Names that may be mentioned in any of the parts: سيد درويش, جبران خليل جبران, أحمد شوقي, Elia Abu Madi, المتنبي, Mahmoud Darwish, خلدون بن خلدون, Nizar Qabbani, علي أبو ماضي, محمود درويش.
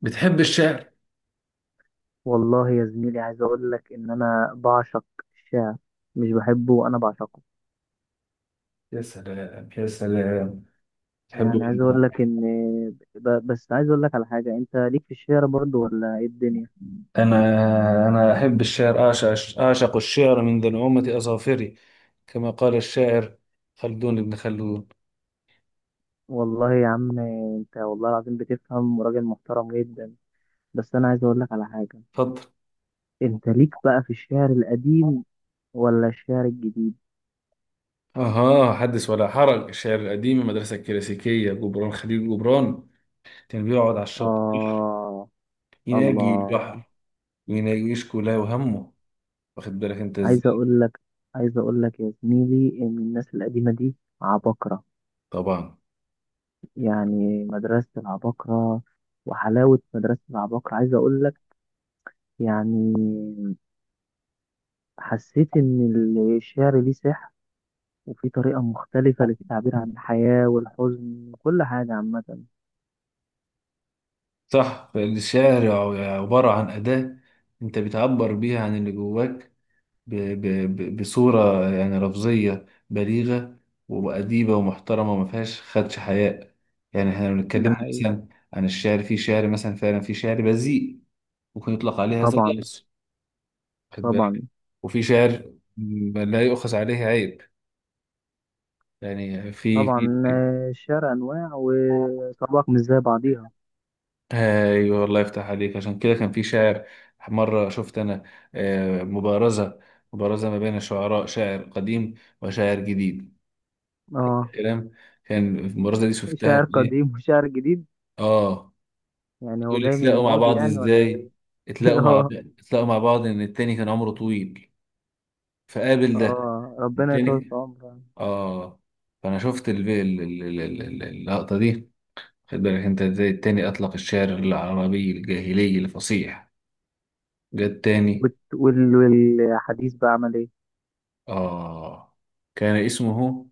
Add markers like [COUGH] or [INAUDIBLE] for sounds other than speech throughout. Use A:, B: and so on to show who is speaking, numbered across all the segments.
A: بتحب الشعر؟
B: والله يا زميلي، عايز اقول لك ان انا بعشق الشعر. مش بحبه، انا بعشقه.
A: يا سلام يا سلام. تحب.
B: يعني عايز اقول لك ان بس عايز اقول لك على حاجه، انت ليك في الشعر برضو ولا ايه الدنيا؟
A: أنا أنا أحب الشعر، أعشق الشعر من ذنومة أظافري، كما قال الشاعر خلدون بن خلدون.
B: والله يا عم، انت والله العظيم بتفهم، وراجل محترم جدا. بس انا عايز اقول لك على حاجه.
A: تفضل.
B: انت ليك بقى في الشعر القديم ولا الشعر الجديد؟
A: أها، حدث ولا حرج. الشعر القديم، المدرسة الكلاسيكية، جبران خليل جبران كان بيقعد على الشط البحر
B: اه.
A: يناجي
B: الله.
A: البحر، ويناجي يشكو له وهمه. واخد بالك أنت
B: عايز
A: إزاي؟
B: اقول لك عايز اقول لك يا زميلي ان الناس القديمه دي عباقره.
A: طبعا.
B: يعني مدرسة العباقرة، وحلاوة مدرسة العباقرة. عايز أقول لك يعني، حسيت إن الشعر ليه سحر، وفي طريقة مختلفة للتعبير عن الحياة والحزن وكل حاجة عامة.
A: صح، فالشعر عبارة عن أداة أنت بتعبر بيها عن اللي جواك بصورة يعني لفظية بليغة وأديبة ومحترمة وما فيهاش خدش حياء. يعني احنا لو
B: ده
A: اتكلمنا
B: حقيقي.
A: مثلا عن الشعر، في شعر مثلا فعلا في شعر بذيء ممكن يطلق عليه هذا
B: طبعا.
A: اللفظ. واخد
B: طبعا.
A: بالك؟ وفي شعر لا يؤخذ عليه عيب. يعني
B: طبعا. الشعر أنواع وطبق مش زي بعضيها.
A: ايوه، الله يفتح عليك. عشان كده كان في شاعر، مره شفت انا مبارزه، مبارزه ما بين شعراء، شاعر قديم وشاعر جديد.
B: اه.
A: الكلام كان المرازة دي
B: [LAUGHS]
A: شفتها
B: شعر
A: في ايه؟
B: قديم وشعر جديد،
A: اه.
B: يعني هو
A: تقول
B: جاي من
A: اتلاقوا مع
B: الماضي
A: بعض
B: يعني ولا
A: ازاي؟
B: ايه؟ [LAUGHS]
A: اتلاقوا مع
B: اه.
A: بعض اتلاقوا مع بعض ان التاني كان عمره طويل، فقابل ده
B: اه، ربنا يطول في
A: التاني.
B: عمره.
A: اه، فانا شفت اللقطة دي. خد بالك انت ازاي؟ التاني اطلق الشعر العربي الجاهلي الفصيح، جه التاني.
B: والحديث بقى عمل ايه؟
A: اه كان اسمه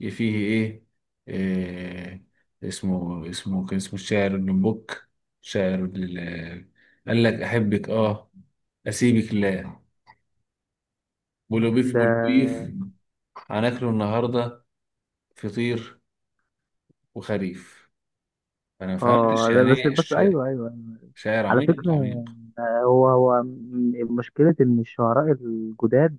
A: فيه إيه اسمه الشاعر ابن بوك، شاعر ال- قال لك أحبك آه أسيبك لا، بلوبيف
B: ده،
A: بلوبيف هناكله النهاردة فطير وخريف. أنا ما فهمتش
B: اه، ده
A: يعني
B: بس
A: إيه
B: بس ايوه ايوه أيوة.
A: شاعر
B: على
A: عميق
B: فكره.
A: عميق.
B: هو مشكله ان الشعراء الجداد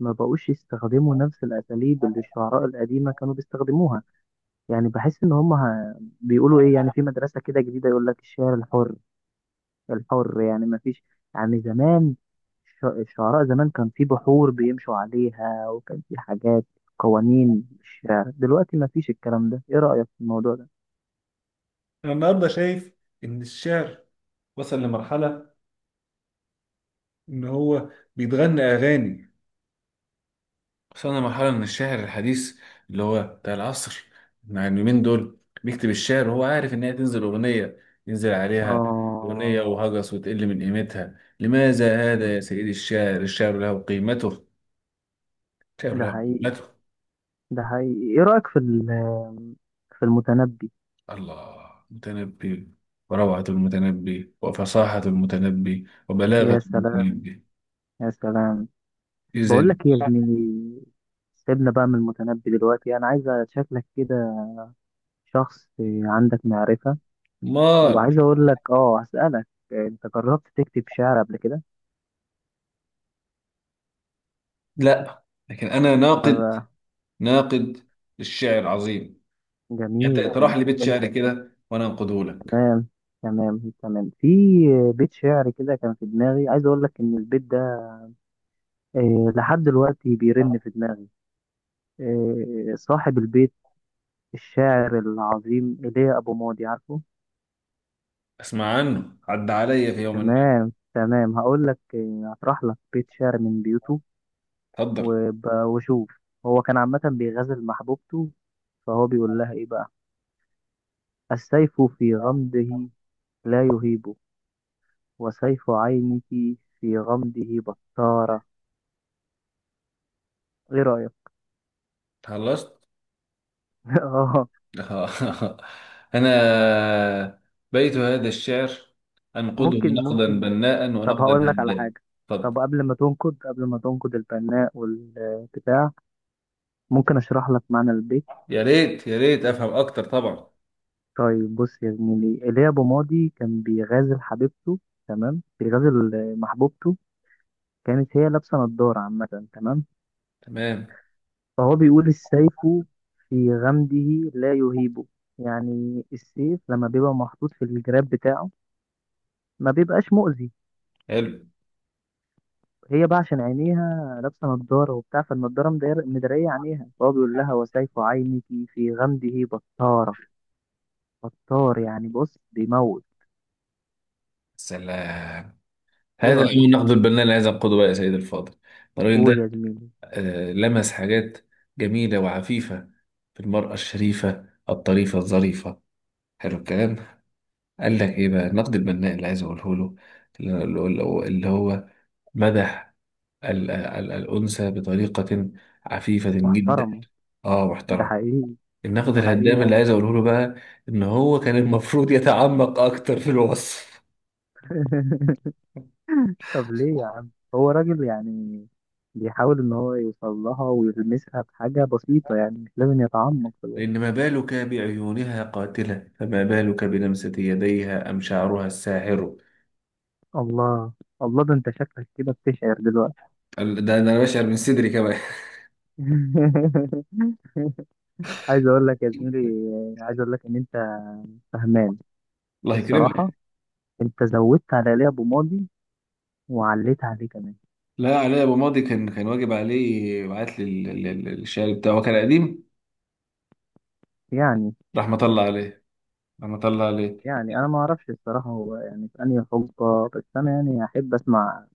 B: ما بقوش يستخدموا نفس الاساليب اللي الشعراء القديمه كانوا بيستخدموها. يعني بحس ان هم بيقولوا ايه، يعني في مدرسه كده جديده يقول لك الشعر الحر. الحر يعني ما فيش. يعني زمان، الشعراء زمان كان في بحور بيمشوا عليها، وكان في حاجات، قوانين. الشعر دلوقتي ما فيش الكلام ده. ايه رايك في الموضوع ده؟
A: أنا النهاردة شايف إن الشعر وصل لمرحلة إن هو بيتغنى أغاني. وصلنا لمرحلة من الشاعر الحديث اللي هو بتاع العصر، مع اليومين دول بيكتب الشعر وهو عارف إن هي تنزل أغنية، ينزل عليها أغنية
B: اه.
A: وهجس، وتقل من قيمتها. لماذا هذا
B: مم.
A: يا سيدي الشاعر؟ الشعر له قيمته، الشعر
B: ده
A: له
B: حقيقي.
A: قيمته.
B: ده حقيقي. ايه رأيك في في المتنبي؟
A: الله، المتنبي، وروعة المتنبي وفصاحة المتنبي وبلاغة
B: يا سلام،
A: المتنبي.
B: يا سلام.
A: إذا
B: بقول لك ايه يا زميلي، سيبنا بقى من المتنبي دلوقتي. انا عايز شكلك كده شخص عندك معرفة،
A: ما
B: وعايز اقول لك، هسألك: انت جربت تكتب شعر قبل كده؟
A: لا، لكن أنا ناقد،
B: ما-
A: ناقد للشعر العظيم. يعني
B: جميل،
A: انت تروح
B: جميل.
A: لبيت
B: انت
A: شعري كده وانا انقده لك.
B: تمام، تمام، تمام. في بيت شعر كده كان في دماغي، عايز اقول لك ان البيت ده لحد دلوقتي بيرن في دماغي. صاحب البيت الشاعر العظيم ايليا ابو ماضي، عارفه؟
A: اسمع عنه، عدى عليا في يوم ما.
B: تمام، تمام. هقول لك، هطرح لك بيت شعر من بيوته،
A: اتفضل.
B: وشوف. هو كان عامة بيغزل محبوبته، فهو بيقول لها ايه بقى: السيف في غمده لا يهيبه، وسيف عينك في غمده بطارة. ايه رأيك؟
A: خلصت؟
B: [LAUGHS] اه.
A: [LAUGHS] انا، بيت هذا الشعر انقده
B: ممكن،
A: نقدا
B: ممكن.
A: بناء
B: طب
A: ونقدا
B: هقول لك على
A: هنيئا.
B: حاجة.
A: اتفضل.
B: طب قبل ما تنقد، قبل ما تنقد البناء والبتاع، ممكن اشرح لك معنى البيت.
A: يا ريت يا ريت افهم اكتر طبعا.
B: طيب بص يا زميلي، ايليا ابو ماضي كان بيغازل حبيبته. تمام، بيغازل محبوبته. كانت هي لابسه نضاره عامه، تمام.
A: تمام.
B: فهو بيقول: السيف في غمده لا يهيبه، يعني السيف لما بيبقى محطوط في الجراب بتاعه ما بيبقاش مؤذي.
A: حلو.
B: هي بقى عشان عينيها لابسه نضاره وبتاع، فالنضاره مدريه عينيها، فهو بيقول لها: وسيف عينك في غمده بطاره. بطار يعني بص بيموت.
A: سلام.
B: ايه
A: هذا هو
B: رايك؟
A: النقد البناء اللي عايز انقده بقى يا سيد الفاضل. الراجل
B: قول
A: ده
B: يا زميلي.
A: لمس حاجات جميله وعفيفه في المراه الشريفه الطريفه الظريفه. حلو الكلام. قال لك ايه بقى النقد البناء اللي عايز اقوله له؟ اللي هو مدح الانثى بطريقه عفيفه جدا.
B: محترمه.
A: اه
B: ده
A: محترم.
B: حقيقي.
A: النقد
B: ده
A: الهدام
B: حقيقي.
A: اللي عايز اقوله له بقى، ان هو كان المفروض يتعمق اكتر في الوصف.
B: [LAUGHS] طب ليه يا عم، هو راجل يعني بيحاول ان هو يوصل لها ويلمسها بحاجة بسيطة، يعني مش لازم يتعمق في الوقت.
A: لان ما بالك بعيونها قاتله؟ فما بالك بلمسه يديها ام شعرها الساحر؟
B: الله، الله. ده انت شكلك كده بتشعر دلوقتي.
A: ده انا بشعر من صدري كمان.
B: [LAUGHS] عايز اقول لك يا زميلي، عايز اقول لك ان انت فهمان
A: [LAUGHS] الله يكرمك.
B: الصراحة. انت زودت على ليه ابو ماضي وعليت عليه كمان.
A: لا، علي ابو ماضي كان واجب عليه يبعت لي الشعر بتاعه، هو كان قديم،
B: يعني
A: رحمة الله عليه. انا طلع ليه.
B: يعني انا ما اعرفش الصراحة، هو يعني في انهي حقبة، بس انا يعني احب اسمع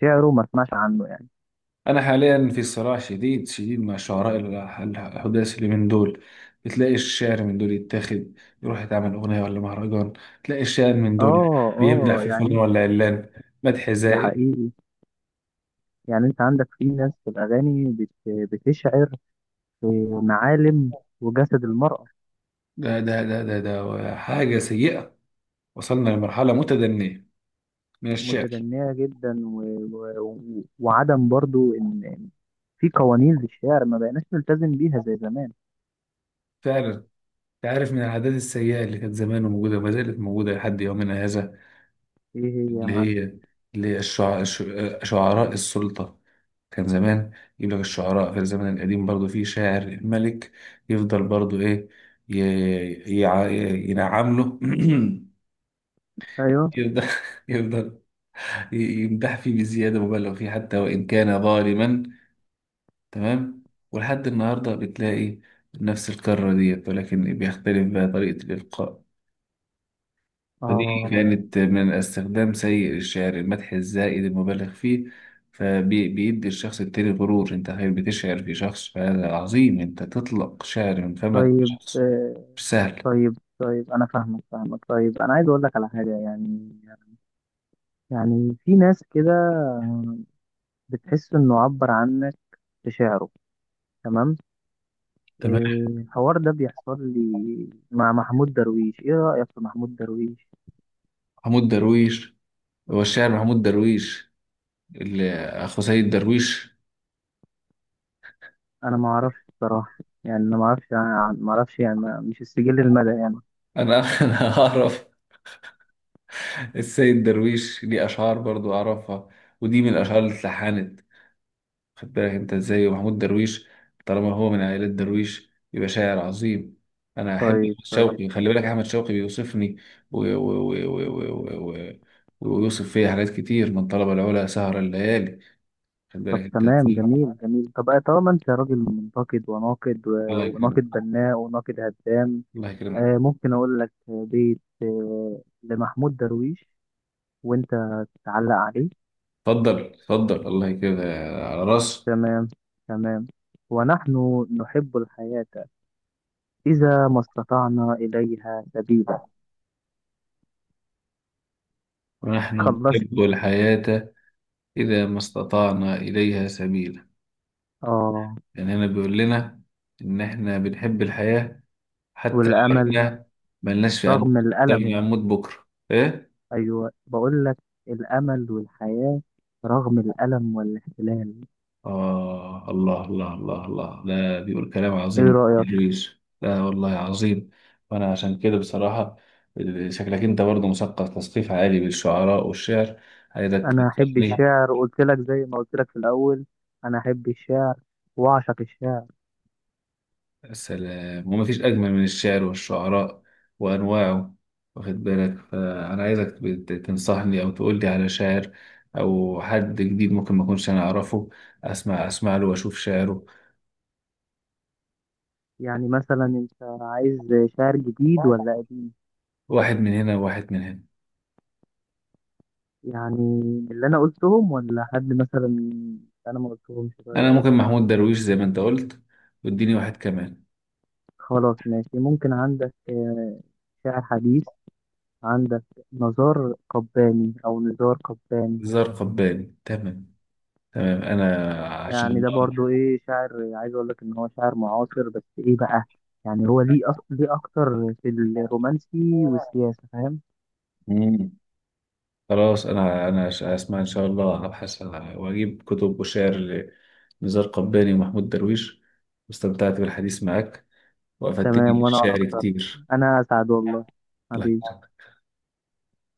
B: شعره، ما اسمعش عنه يعني.
A: انا حاليا في صراع شديد شديد مع شعراء الحداثي اللي من دول، بتلاقي الشعر من دول يتاخد يروح يتعمل اغنيه ولا مهرجان. تلاقي الشاعر من دول
B: اه،
A: بيمدح
B: اه.
A: في
B: يعني
A: فلان
B: انت،
A: ولا علان، مدح
B: ده
A: زائل.
B: حقيقي. يعني انت عندك في ناس في الاغاني بتشعر في معالم وجسد المرأة.
A: ده ده ده ده ده حاجه سيئه، وصلنا لمرحله متدنيه من الشعر.
B: متدنية جدا، وعدم برضو ان في قوانين للشعر ما بقيناش نلتزم بيها زي زمان.
A: فعلا. تعرف من العادات السيئه اللي كانت زمان موجوده وما زالت موجوده لحد يومنا هذا؟
B: ايه هي يا
A: اللي
B: معلم؟
A: هي اللي هي شعراء السلطة. كان زمان يجيب لك الشعراء في الزمن القديم برضو في شاعر الملك، يفضل برضو ايه، ينعم له، [CLEARS THROAT]
B: ايوه.
A: يفضل يفضل ي- يمدح فيه بزيادة مبالغ فيه حتى وإن كان ظالما. تمام. ولحد النهاردة بتلاقي نفس الكرة ديت، ولكن بيختلف بقى طريقة الإلقاء. فدي
B: اه.
A: كانت من استخدام سيء للشعر، المدح الزائد المبالغ فيه، فبيدي الشخص التاني غرور. انت خير بتشعر في شخص فهذا عظيم، انت تطلق شعر من فمك،
B: طيب.
A: شخص مش سهل.
B: طيب، طيب. انا فاهمك، فاهمك. طيب انا عايز اقول لك على حاجة. يعني في ناس كده بتحس انه عبر عنك في شعره، تمام.
A: تمام.
B: إيه، الحوار ده بيحصل لي مع محمود درويش. ايه رأيك في محمود درويش؟
A: محمود درويش، هو الشاعر محمود درويش اللي اخو سيد درويش.
B: انا ما اعرفش بصراحة. يعني انا ما اعرفش يعني، ما اعرفش يعني مش السجل المدى يعني.
A: انا [LAUGHS] انا اعرف السيد درويش ليه اشعار برضو اعرفها، ودي من الاشعار اللي اتلحنت. خد بالك انت ازاي؟ ومحمود درويش طالما هو من عائلة درويش يبقى شاعر عظيم. انا احب
B: طيب،
A: احمد
B: طيب.
A: شوقي، خلي بالك، احمد شوقي بيوصفني و... و... و... و... و... و... ويوصف فيا حاجات كتير، من طلب العلا سهر الليالي. خد
B: طب
A: بالك انت
B: تمام،
A: ازاي؟
B: جميل، جميل. طب طالما انت راجل منتقد وناقد
A: الله يكرمك،
B: وناقد بناء وناقد هدام،
A: الله يكرمك.
B: ممكن اقول لك بيت لمحمود درويش وانت تعلق عليه؟
A: اتفضل، اتفضل، الله يكرمك. على راسي.
B: تمام، تمام. ونحن نحب الحياة إذا ما استطعنا إليها سبيلا.
A: ونحن
B: خلصت.
A: نحب الحياة إذا ما استطعنا إليها سبيلا.
B: اه،
A: يعني هنا بيقول لنا إن إحنا بنحب الحياة حتى لو
B: والأمل
A: احنا ملناش في قلبنا،
B: رغم
A: حتى لو احنا
B: الألم.
A: هنموت بكره، ايه.
B: أيوة، بقول لك الأمل والحياة رغم الألم والاحتلال.
A: اه، الله الله الله الله، ده بيقول كلام
B: إيه
A: عظيم
B: رأيك؟
A: ادريس. لا والله عظيم. وانا عشان كده بصراحه، شكلك انت برضه مثقف تثقيف عالي بالشعراء والشعر، عايزك
B: أنا أحب
A: تنصحني.
B: الشعر، قلت لك زي ما قلت لك في الأول. أنا أحب الشعر وأعشق الشعر.
A: السلام. وما فيش اجمل من الشعر والشعراء وانواعه. واخد بالك، فانا عايزك تنصحني او تقول لي على شاعر او حد جديد ممكن ما اكونش انا اعرفه، اسمع اسمع له واشوف شعره.
B: يعني مثلا أنت عايز شعر جديد ولا قديم؟
A: واحد من هنا وواحد من هنا.
B: يعني من اللي أنا قلتهم، ولا حد مثلا أنا ما قلتهمش؟
A: انا
B: طيب.
A: ممكن محمود درويش زي ما انت قلت، واديني واحد كمان.
B: خلاص، ماشي. ممكن عندك شعر حديث عندك، نزار قباني او نزار قباني.
A: زار قباني تمام، تمام. انا عشان
B: يعني ده
A: الله.
B: برضو ايه شاعر، عايز اقول لك ان هو شاعر معاصر، بس ايه بقى، يعني هو ليه ليه اكتر في الرومانسي والسياسة، فاهم.
A: مم. خلاص، انا اسمع ان شاء الله، ابحث واجيب كتب وشعر لنزار قباني ومحمود درويش. واستمتعت بالحديث معك، وافدتني
B: تمام. وانا
A: بالشعر
B: اكتر،
A: كتير.
B: انا سعد والله،
A: الله
B: حبيبي.
A: يكرمك.